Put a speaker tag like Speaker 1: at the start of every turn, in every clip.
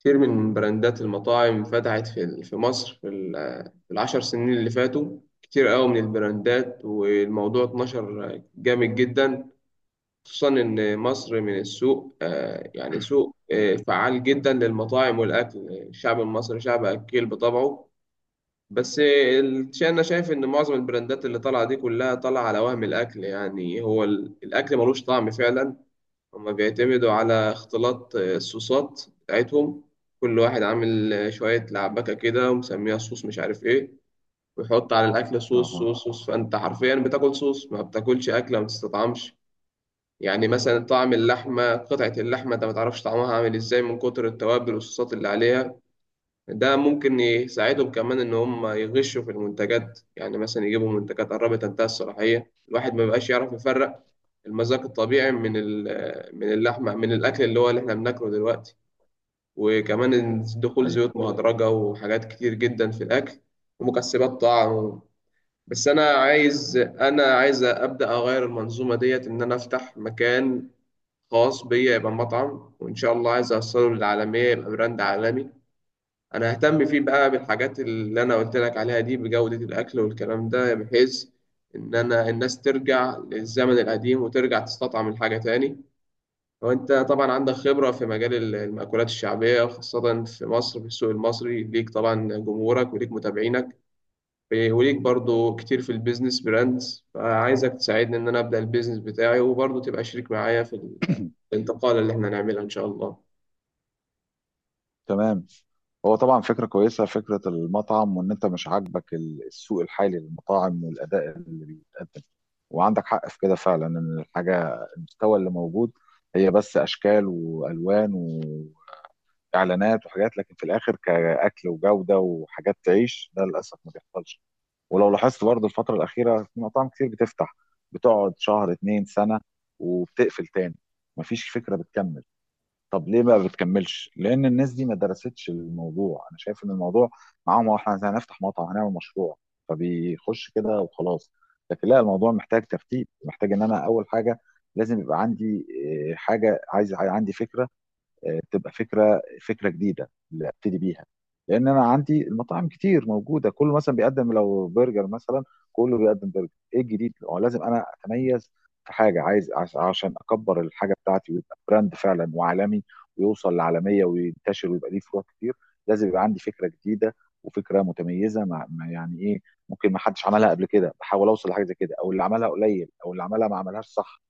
Speaker 1: كتير من براندات المطاعم فتحت في مصر في ال10 سنين اللي فاتوا. كتير قوي من البراندات والموضوع اتنشر جامد جدا، خصوصا إن مصر من السوق، يعني سوق فعال جدا للمطاعم والأكل. الشعب المصري شعب أكيل بطبعه. بس أنا شايف إن معظم البراندات اللي طالعة دي كلها طالعة على وهم الأكل. يعني هو الأكل ملوش طعم فعلا. هما بيعتمدوا على اختلاط الصوصات بتاعتهم. كل واحد عامل شوية لعبكة كده ومسميها صوص مش عارف ايه، ويحط على الأكل صوص
Speaker 2: اها.
Speaker 1: صوص صوص، فأنت حرفيا بتاكل صوص، ما بتاكلش أكلة، ما بتستطعمش. يعني مثلا طعم اللحمة، قطعة اللحمة أنت ما تعرفش طعمها عامل ازاي من كتر التوابل والصوصات اللي عليها. ده ممكن يساعدهم كمان إن هم يغشوا في المنتجات، يعني مثلا يجيبوا منتجات قربت تنتهي الصلاحية، الواحد ما بيبقاش يعرف يفرق المذاق الطبيعي من من اللحمة، من الأكل اللي هو اللي إحنا بناكله دلوقتي. وكمان دخول
Speaker 2: ايوه.
Speaker 1: زيوت مهدرجة وحاجات كتير جدا في الأكل، ومكسبات طعم. بس أنا عايز أبدأ أغير المنظومة ديت، إن أنا أفتح مكان خاص بيا، يبقى مطعم، وإن شاء الله عايز أوصله للعالمية يبقى براند عالمي. انا اهتم فيه بقى بالحاجات اللي انا قلت لك عليها دي، بجودة الاكل والكلام ده، بحيث ان انا الناس ترجع للزمن القديم وترجع تستطعم الحاجة تاني. وانت طبعا عندك خبرة في مجال المأكولات الشعبية، خاصة في مصر، في السوق المصري ليك طبعا جمهورك وليك متابعينك، وليك برضو كتير في البيزنس براندز، فعايزك تساعدني ان انا ابدأ البيزنس بتاعي، وبرضو تبقى شريك معايا في الانتقال اللي احنا هنعملها ان شاء الله.
Speaker 2: تمام. هو طبعا فكره كويسه، فكره المطعم، وان انت مش عاجبك السوق الحالي للمطاعم والاداء اللي بيتقدم، وعندك حق في كده فعلا، ان المستوى اللي موجود هي بس اشكال والوان واعلانات وحاجات، لكن في الاخر كاكل وجوده وحاجات تعيش ده للاسف ما بيحصلش. ولو لاحظت برضه الفتره الاخيره في مطاعم كتير بتفتح، بتقعد شهر اتنين سنه وبتقفل تاني، مفيش فكره بتكمل. طب ليه ما بتكملش؟ لأن الناس دي ما درستش الموضوع، أنا شايف إن الموضوع معاهم هو إحنا هنفتح مطعم هنعمل مشروع، فبيخش كده وخلاص. لكن لا، الموضوع محتاج ترتيب، محتاج إن أنا أول حاجة لازم يبقى عندي إيه، حاجة، عايز عندي فكرة. تبقى فكره جديده اللي ابتدي بيها، لان انا عندي المطاعم كتير موجوده، كله مثلا بيقدم لو برجر مثلا، كله بيقدم برجر. ايه الجديد؟ هو لازم انا اتميز في حاجه، عايز عشان اكبر الحاجه بتاعتي ويبقى براند فعلا وعالمي، ويوصل لعالميه وينتشر ويبقى ليه فروع كتير. لازم يبقى عندي فكره جديده وفكره متميزه، يعني ايه، ممكن ما حدش عملها قبل كده، بحاول اوصل لحاجه زي كده، او اللي عملها قليل، او اللي عملها ما عملهاش صح.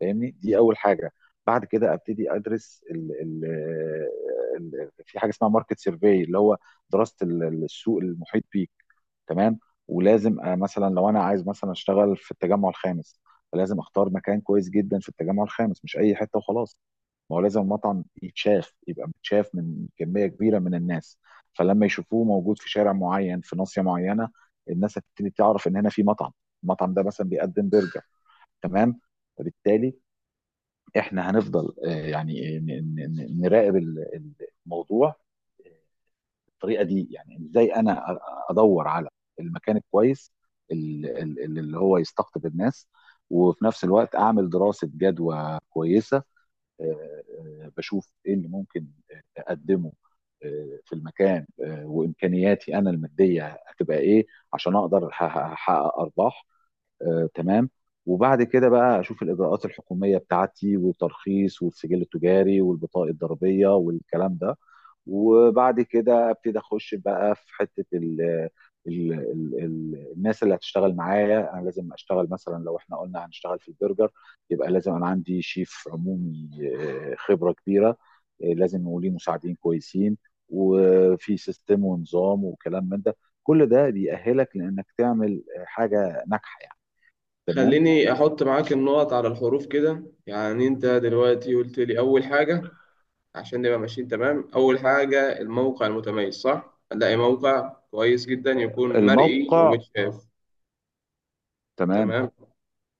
Speaker 2: فاهمني، دي اول حاجه. بعد كده ابتدي ادرس ال ال ال في حاجه اسمها ماركت سيرفي، اللي هو دراسه السوق المحيط بيك. تمام. ولازم مثلا لو انا عايز مثلا اشتغل في التجمع الخامس، فلازم اختار مكان كويس جدا في التجمع الخامس، مش اي حته وخلاص. ما هو لازم المطعم يتشاف، يبقى متشاف من كميه كبيره من الناس، فلما يشوفوه موجود في شارع معين، في ناصيه معينه، الناس هتبتدي تعرف ان هنا في مطعم، المطعم ده مثلا بيقدم برجر. تمام. فبالتالي احنا هنفضل يعني نراقب الموضوع بالطريقه دي، يعني ازاي انا ادور على المكان الكويس، اللي هو يستقطب الناس. وفي نفس الوقت اعمل دراسه جدوى كويسه. آه، بشوف ايه اللي ممكن اقدمه في المكان، وامكانياتي انا الماديه هتبقى ايه، عشان اقدر احقق ارباح. تمام. وبعد كده بقى اشوف الاجراءات الحكوميه بتاعتي، والترخيص، والسجل التجاري، والبطاقه الضريبيه، والكلام ده. وبعد كده ابتدي اخش بقى في حته ال ال ال ال الناس اللي هتشتغل معايا، انا لازم اشتغل مثلا لو احنا قلنا هنشتغل في البرجر، يبقى لازم انا عندي شيف عمومي خبره كبيره، لازم يكون ليه مساعدين كويسين، وفي سيستم ونظام وكلام من ده. كل ده بيأهلك لانك تعمل حاجه ناجحه يعني. تمام.
Speaker 1: خليني أحط معاك النقط على الحروف كده. يعني أنت دلوقتي قلت لي أول حاجة عشان نبقى ماشيين تمام. أول حاجة الموقع المتميز، صح؟ هنلاقي موقع كويس جدا يكون مرئي
Speaker 2: الموقع.
Speaker 1: ومتشاف.
Speaker 2: تمام.
Speaker 1: تمام.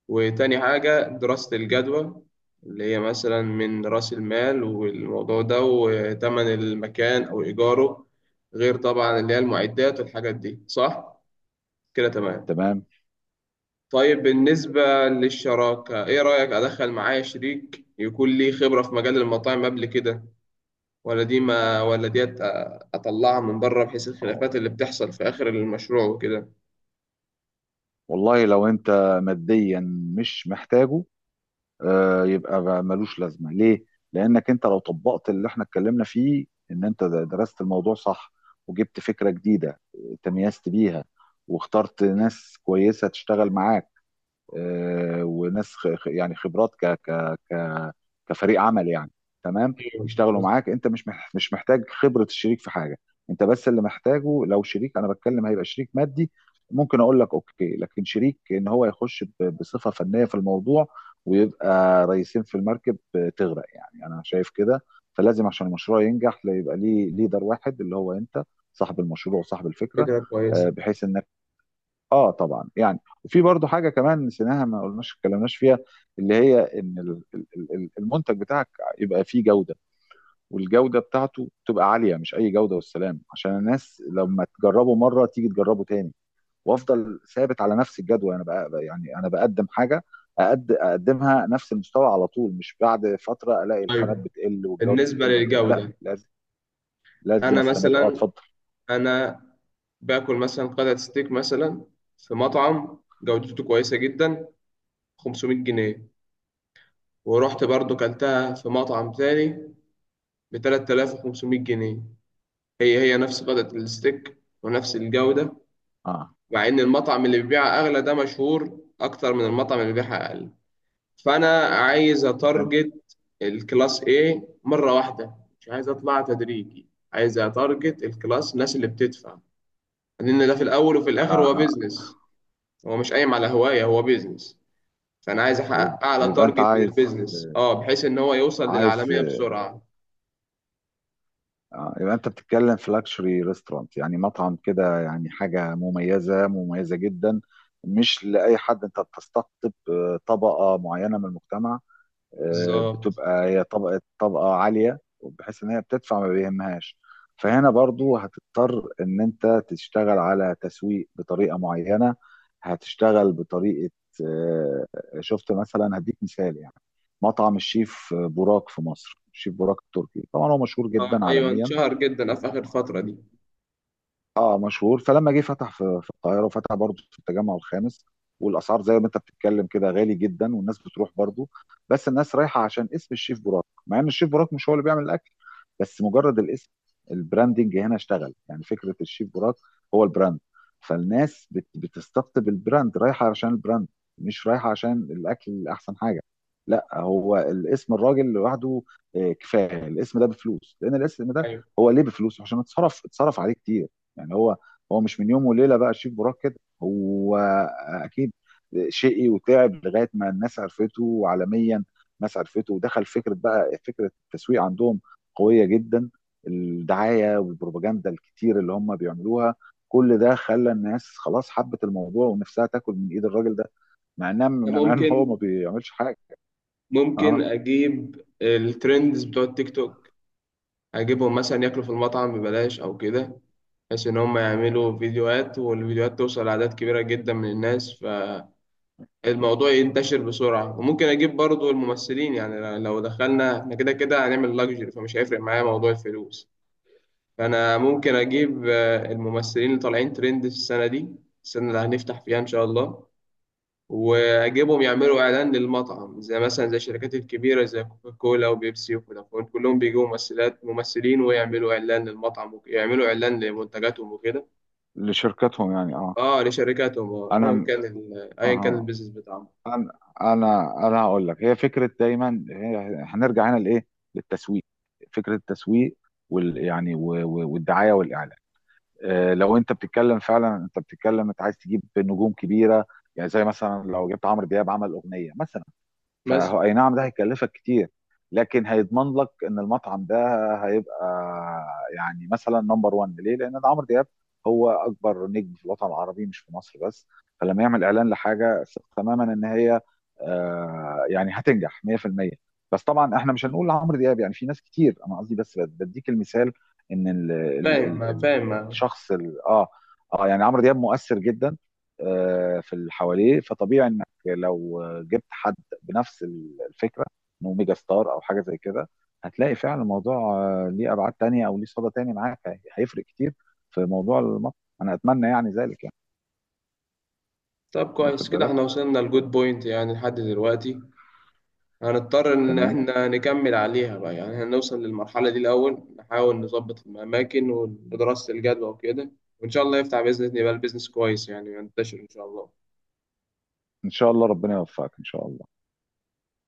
Speaker 1: وتاني حاجة دراسة الجدوى، اللي هي مثلا من رأس المال والموضوع ده وتمن المكان أو إيجاره، غير طبعا اللي هي المعدات والحاجات دي، صح؟ كده تمام.
Speaker 2: تمام.
Speaker 1: طيب، بالنسبة للشراكة، إيه رأيك أدخل معايا شريك يكون ليه خبرة في مجال المطاعم قبل كده، ولا دي ما ولا ديت؟ أطلعها من بره بحيث
Speaker 2: أهو.
Speaker 1: الخلافات اللي بتحصل في آخر المشروع وكده.
Speaker 2: والله لو انت ماديا مش محتاجه، يبقى بقى ملوش لازمه ليه، لانك انت لو طبقت اللي احنا اتكلمنا فيه، ان انت درست الموضوع صح، وجبت فكره جديده تميزت بيها، واخترت ناس كويسه تشتغل معاك وناس يعني خبرات ك ك ك كفريق عمل يعني. تمام.
Speaker 1: ايوه،
Speaker 2: يشتغلوا
Speaker 1: بس
Speaker 2: معاك، انت مش محتاج خبرة الشريك في حاجة، انت بس اللي محتاجه، لو شريك انا بتكلم هيبقى شريك مادي، ممكن اقول لك اوكي، لكن شريك ان هو يخش بصفة فنية في الموضوع، ويبقى رئيسين في المركب تغرق يعني، انا شايف كده. فلازم عشان المشروع ينجح لا، يبقى ليه ليدر واحد اللي هو انت، صاحب المشروع وصاحب الفكرة.
Speaker 1: فكرة كويسة.
Speaker 2: بحيث ان اه طبعا يعني. وفي برضو حاجه كمان نسيناها ما قلناش اتكلمناش فيها، اللي هي ان المنتج بتاعك يبقى فيه جوده، والجوده بتاعته تبقى عاليه، مش اي جوده والسلام، عشان الناس لما تجربه مره تيجي تجربه تاني. وافضل ثابت على نفس الجدول، انا بقى يعني انا بقدم حاجه أقد اقدمها نفس المستوى على طول، مش بعد فتره الاقي الخامات
Speaker 1: طيب
Speaker 2: بتقل والجوده
Speaker 1: بالنسبة
Speaker 2: بتقل وكده. لا،
Speaker 1: للجودة،
Speaker 2: لازم لازم
Speaker 1: أنا
Speaker 2: استمر. اه،
Speaker 1: مثلا،
Speaker 2: اتفضل.
Speaker 1: أنا باكل مثلا قطعة ستيك مثلا في مطعم جودته كويسة جدا 500 جنيه، ورحت برضو كلتها في مطعم تاني ب 3500 جنيه. هي هي نفس قطعة الستيك ونفس الجودة،
Speaker 2: اه،
Speaker 1: مع إن المطعم اللي بيبيعها أغلى ده مشهور أكتر من المطعم اللي بيبيعها أقل. فأنا عايز
Speaker 2: حلو.
Speaker 1: أتارجت الكلاس A مرة واحدة، مش عايز أطلع تدريجي، عايز أتارجت الكلاس، الناس اللي بتدفع. لأن ده في الأول وفي الآخر هو
Speaker 2: اه،
Speaker 1: بيزنس، هو مش قايم على هواية، هو بيزنس. فأنا عايز
Speaker 2: يبقى
Speaker 1: أحقق أعلى
Speaker 2: يبقى انت
Speaker 1: تارجت من
Speaker 2: عايز
Speaker 1: البيزنس، أه، بحيث إن هو يوصل
Speaker 2: عايز
Speaker 1: للعالمية بسرعة.
Speaker 2: يبقى انت بتتكلم في لاكشري ريستورانت، يعني مطعم كده، يعني حاجه مميزه مميزه جدا، مش لاي حد، انت بتستقطب طبقه معينه من المجتمع،
Speaker 1: بالظبط.
Speaker 2: بتبقى هي طبقه طبقه عاليه بحيث ان هي بتدفع ما بيهمهاش. فهنا برضو هتضطر ان انت تشتغل على تسويق بطريقه معينه، هتشتغل بطريقه آه، شفت مثلا، هديك مثال يعني. مطعم الشيف بوراك في مصر، الشيف بوراك التركي، طبعا هو مشهور جدا
Speaker 1: أه أيوه،
Speaker 2: عالميا،
Speaker 1: انشهر جدا في آخر
Speaker 2: وهو
Speaker 1: الفترة دي.
Speaker 2: اه مشهور، فلما جه فتح في القاهره، وفتح برضه في التجمع الخامس، والاسعار زي ما انت بتتكلم كده غالي جدا، والناس بتروح برضه. بس الناس رايحه عشان اسم الشيف براك، مع ان الشيف براك مش هو اللي بيعمل الاكل، بس مجرد الاسم، البراندنج هنا اشتغل، يعني فكره الشيف براك هو البراند. فالناس بتستقطب البراند، رايحه عشان البراند، مش رايحه عشان الاكل اللي احسن حاجه، لا، هو الاسم، الراجل لوحده كفايه، الاسم ده بفلوس، لان الاسم ده
Speaker 1: أيوه،
Speaker 2: هو ليه بفلوس عشان اتصرف عليه كتير. يعني هو مش من يوم وليله بقى شيف براك كده، هو اكيد شقي وتعب لغايه ما الناس عرفته، وعالميا الناس عرفته، ودخل فكره بقى، فكره التسويق عندهم قويه جدا، الدعايه والبروباجندا الكتير اللي هم بيعملوها. كل ده خلى الناس خلاص حبت الموضوع، ونفسها تاكل من ايد الراجل ده،
Speaker 1: ده
Speaker 2: مع ان هو ما
Speaker 1: ممكن.
Speaker 2: بيعملش حاجه. اه،
Speaker 1: ممكن اجيب الترندز بتوع التيك توك، اجيبهم مثلا ياكلوا في المطعم ببلاش او كده، بحيث ان هم يعملوا فيديوهات، والفيديوهات توصل لاعداد كبيره جدا من الناس، فالموضوع ينتشر بسرعه. وممكن اجيب برضو الممثلين، يعني لو دخلنا احنا كده كده هنعمل لاكجري، فمش هيفرق معايا موضوع الفلوس. فانا ممكن اجيب الممثلين اللي طالعين ترند في السنه دي، السنه اللي هنفتح فيها ان شاء الله، واجيبهم يعملوا اعلان للمطعم، زي مثلا زي الشركات الكبيره زي كوكا كولا وبيبسي وفودافون، كلهم بيجيبوا ممثلات ممثلين ويعملوا اعلان للمطعم ويعملوا اعلان لمنتجاتهم وكده.
Speaker 2: لشركتهم يعني. اه.
Speaker 1: اه لشركاتهم، اه، ايا
Speaker 2: انا
Speaker 1: كان ايا كان
Speaker 2: اها،
Speaker 1: البيزنس بتاعهم.
Speaker 2: انا انا هقول لك. هي فكره دايما، هنرجع هنا لايه، للتسويق، فكره التسويق، والدعايه والاعلان. لو انت بتتكلم فعلا، انت بتتكلم انت عايز تجيب نجوم كبيره، يعني زي مثلا لو جبت عمرو دياب عمل اغنيه مثلا،
Speaker 1: بس
Speaker 2: فهو اي نعم ده هيكلفك كتير، لكن هيضمن لك ان المطعم ده هيبقى، يعني مثلا نمبر 1. ليه؟ لان ده عمرو دياب، هو اكبر نجم في الوطن العربي مش في مصر بس. فلما يعمل اعلان لحاجه ثق تماما ان هي يعني هتنجح 100%. بس طبعا احنا مش هنقول لعمرو دياب، يعني في ناس كتير، انا قصدي بس بديك المثال، ان ال ال ال
Speaker 1: فاهم
Speaker 2: ال
Speaker 1: فاهم.
Speaker 2: الشخص اه يعني عمرو دياب مؤثر جدا في اللي حواليه. فطبيعي انك لو جبت حد بنفس الفكره، انه ميجا ستار او حاجه زي كده، هتلاقي فعلا الموضوع ليه ابعاد تانية، او ليه صدى تاني معاك، هيفرق كتير في موضوع المطر. انا اتمنى يعني ذلك يعني.
Speaker 1: طب كويس
Speaker 2: واخد
Speaker 1: كده،
Speaker 2: بالك؟
Speaker 1: احنا وصلنا لجود بوينت يعني لحد دلوقتي. هنضطر إن
Speaker 2: تمام.
Speaker 1: إحنا نكمل عليها بقى، يعني هنوصل للمرحلة دي الأول، نحاول نظبط الأماكن ودراسة الجدوى وكده. وإن شاء الله يفتح بإذن الله، يبقى البيزنس كويس يعني، ينتشر إن شاء الله.
Speaker 2: ان شاء الله ربنا يوفقك ان شاء الله.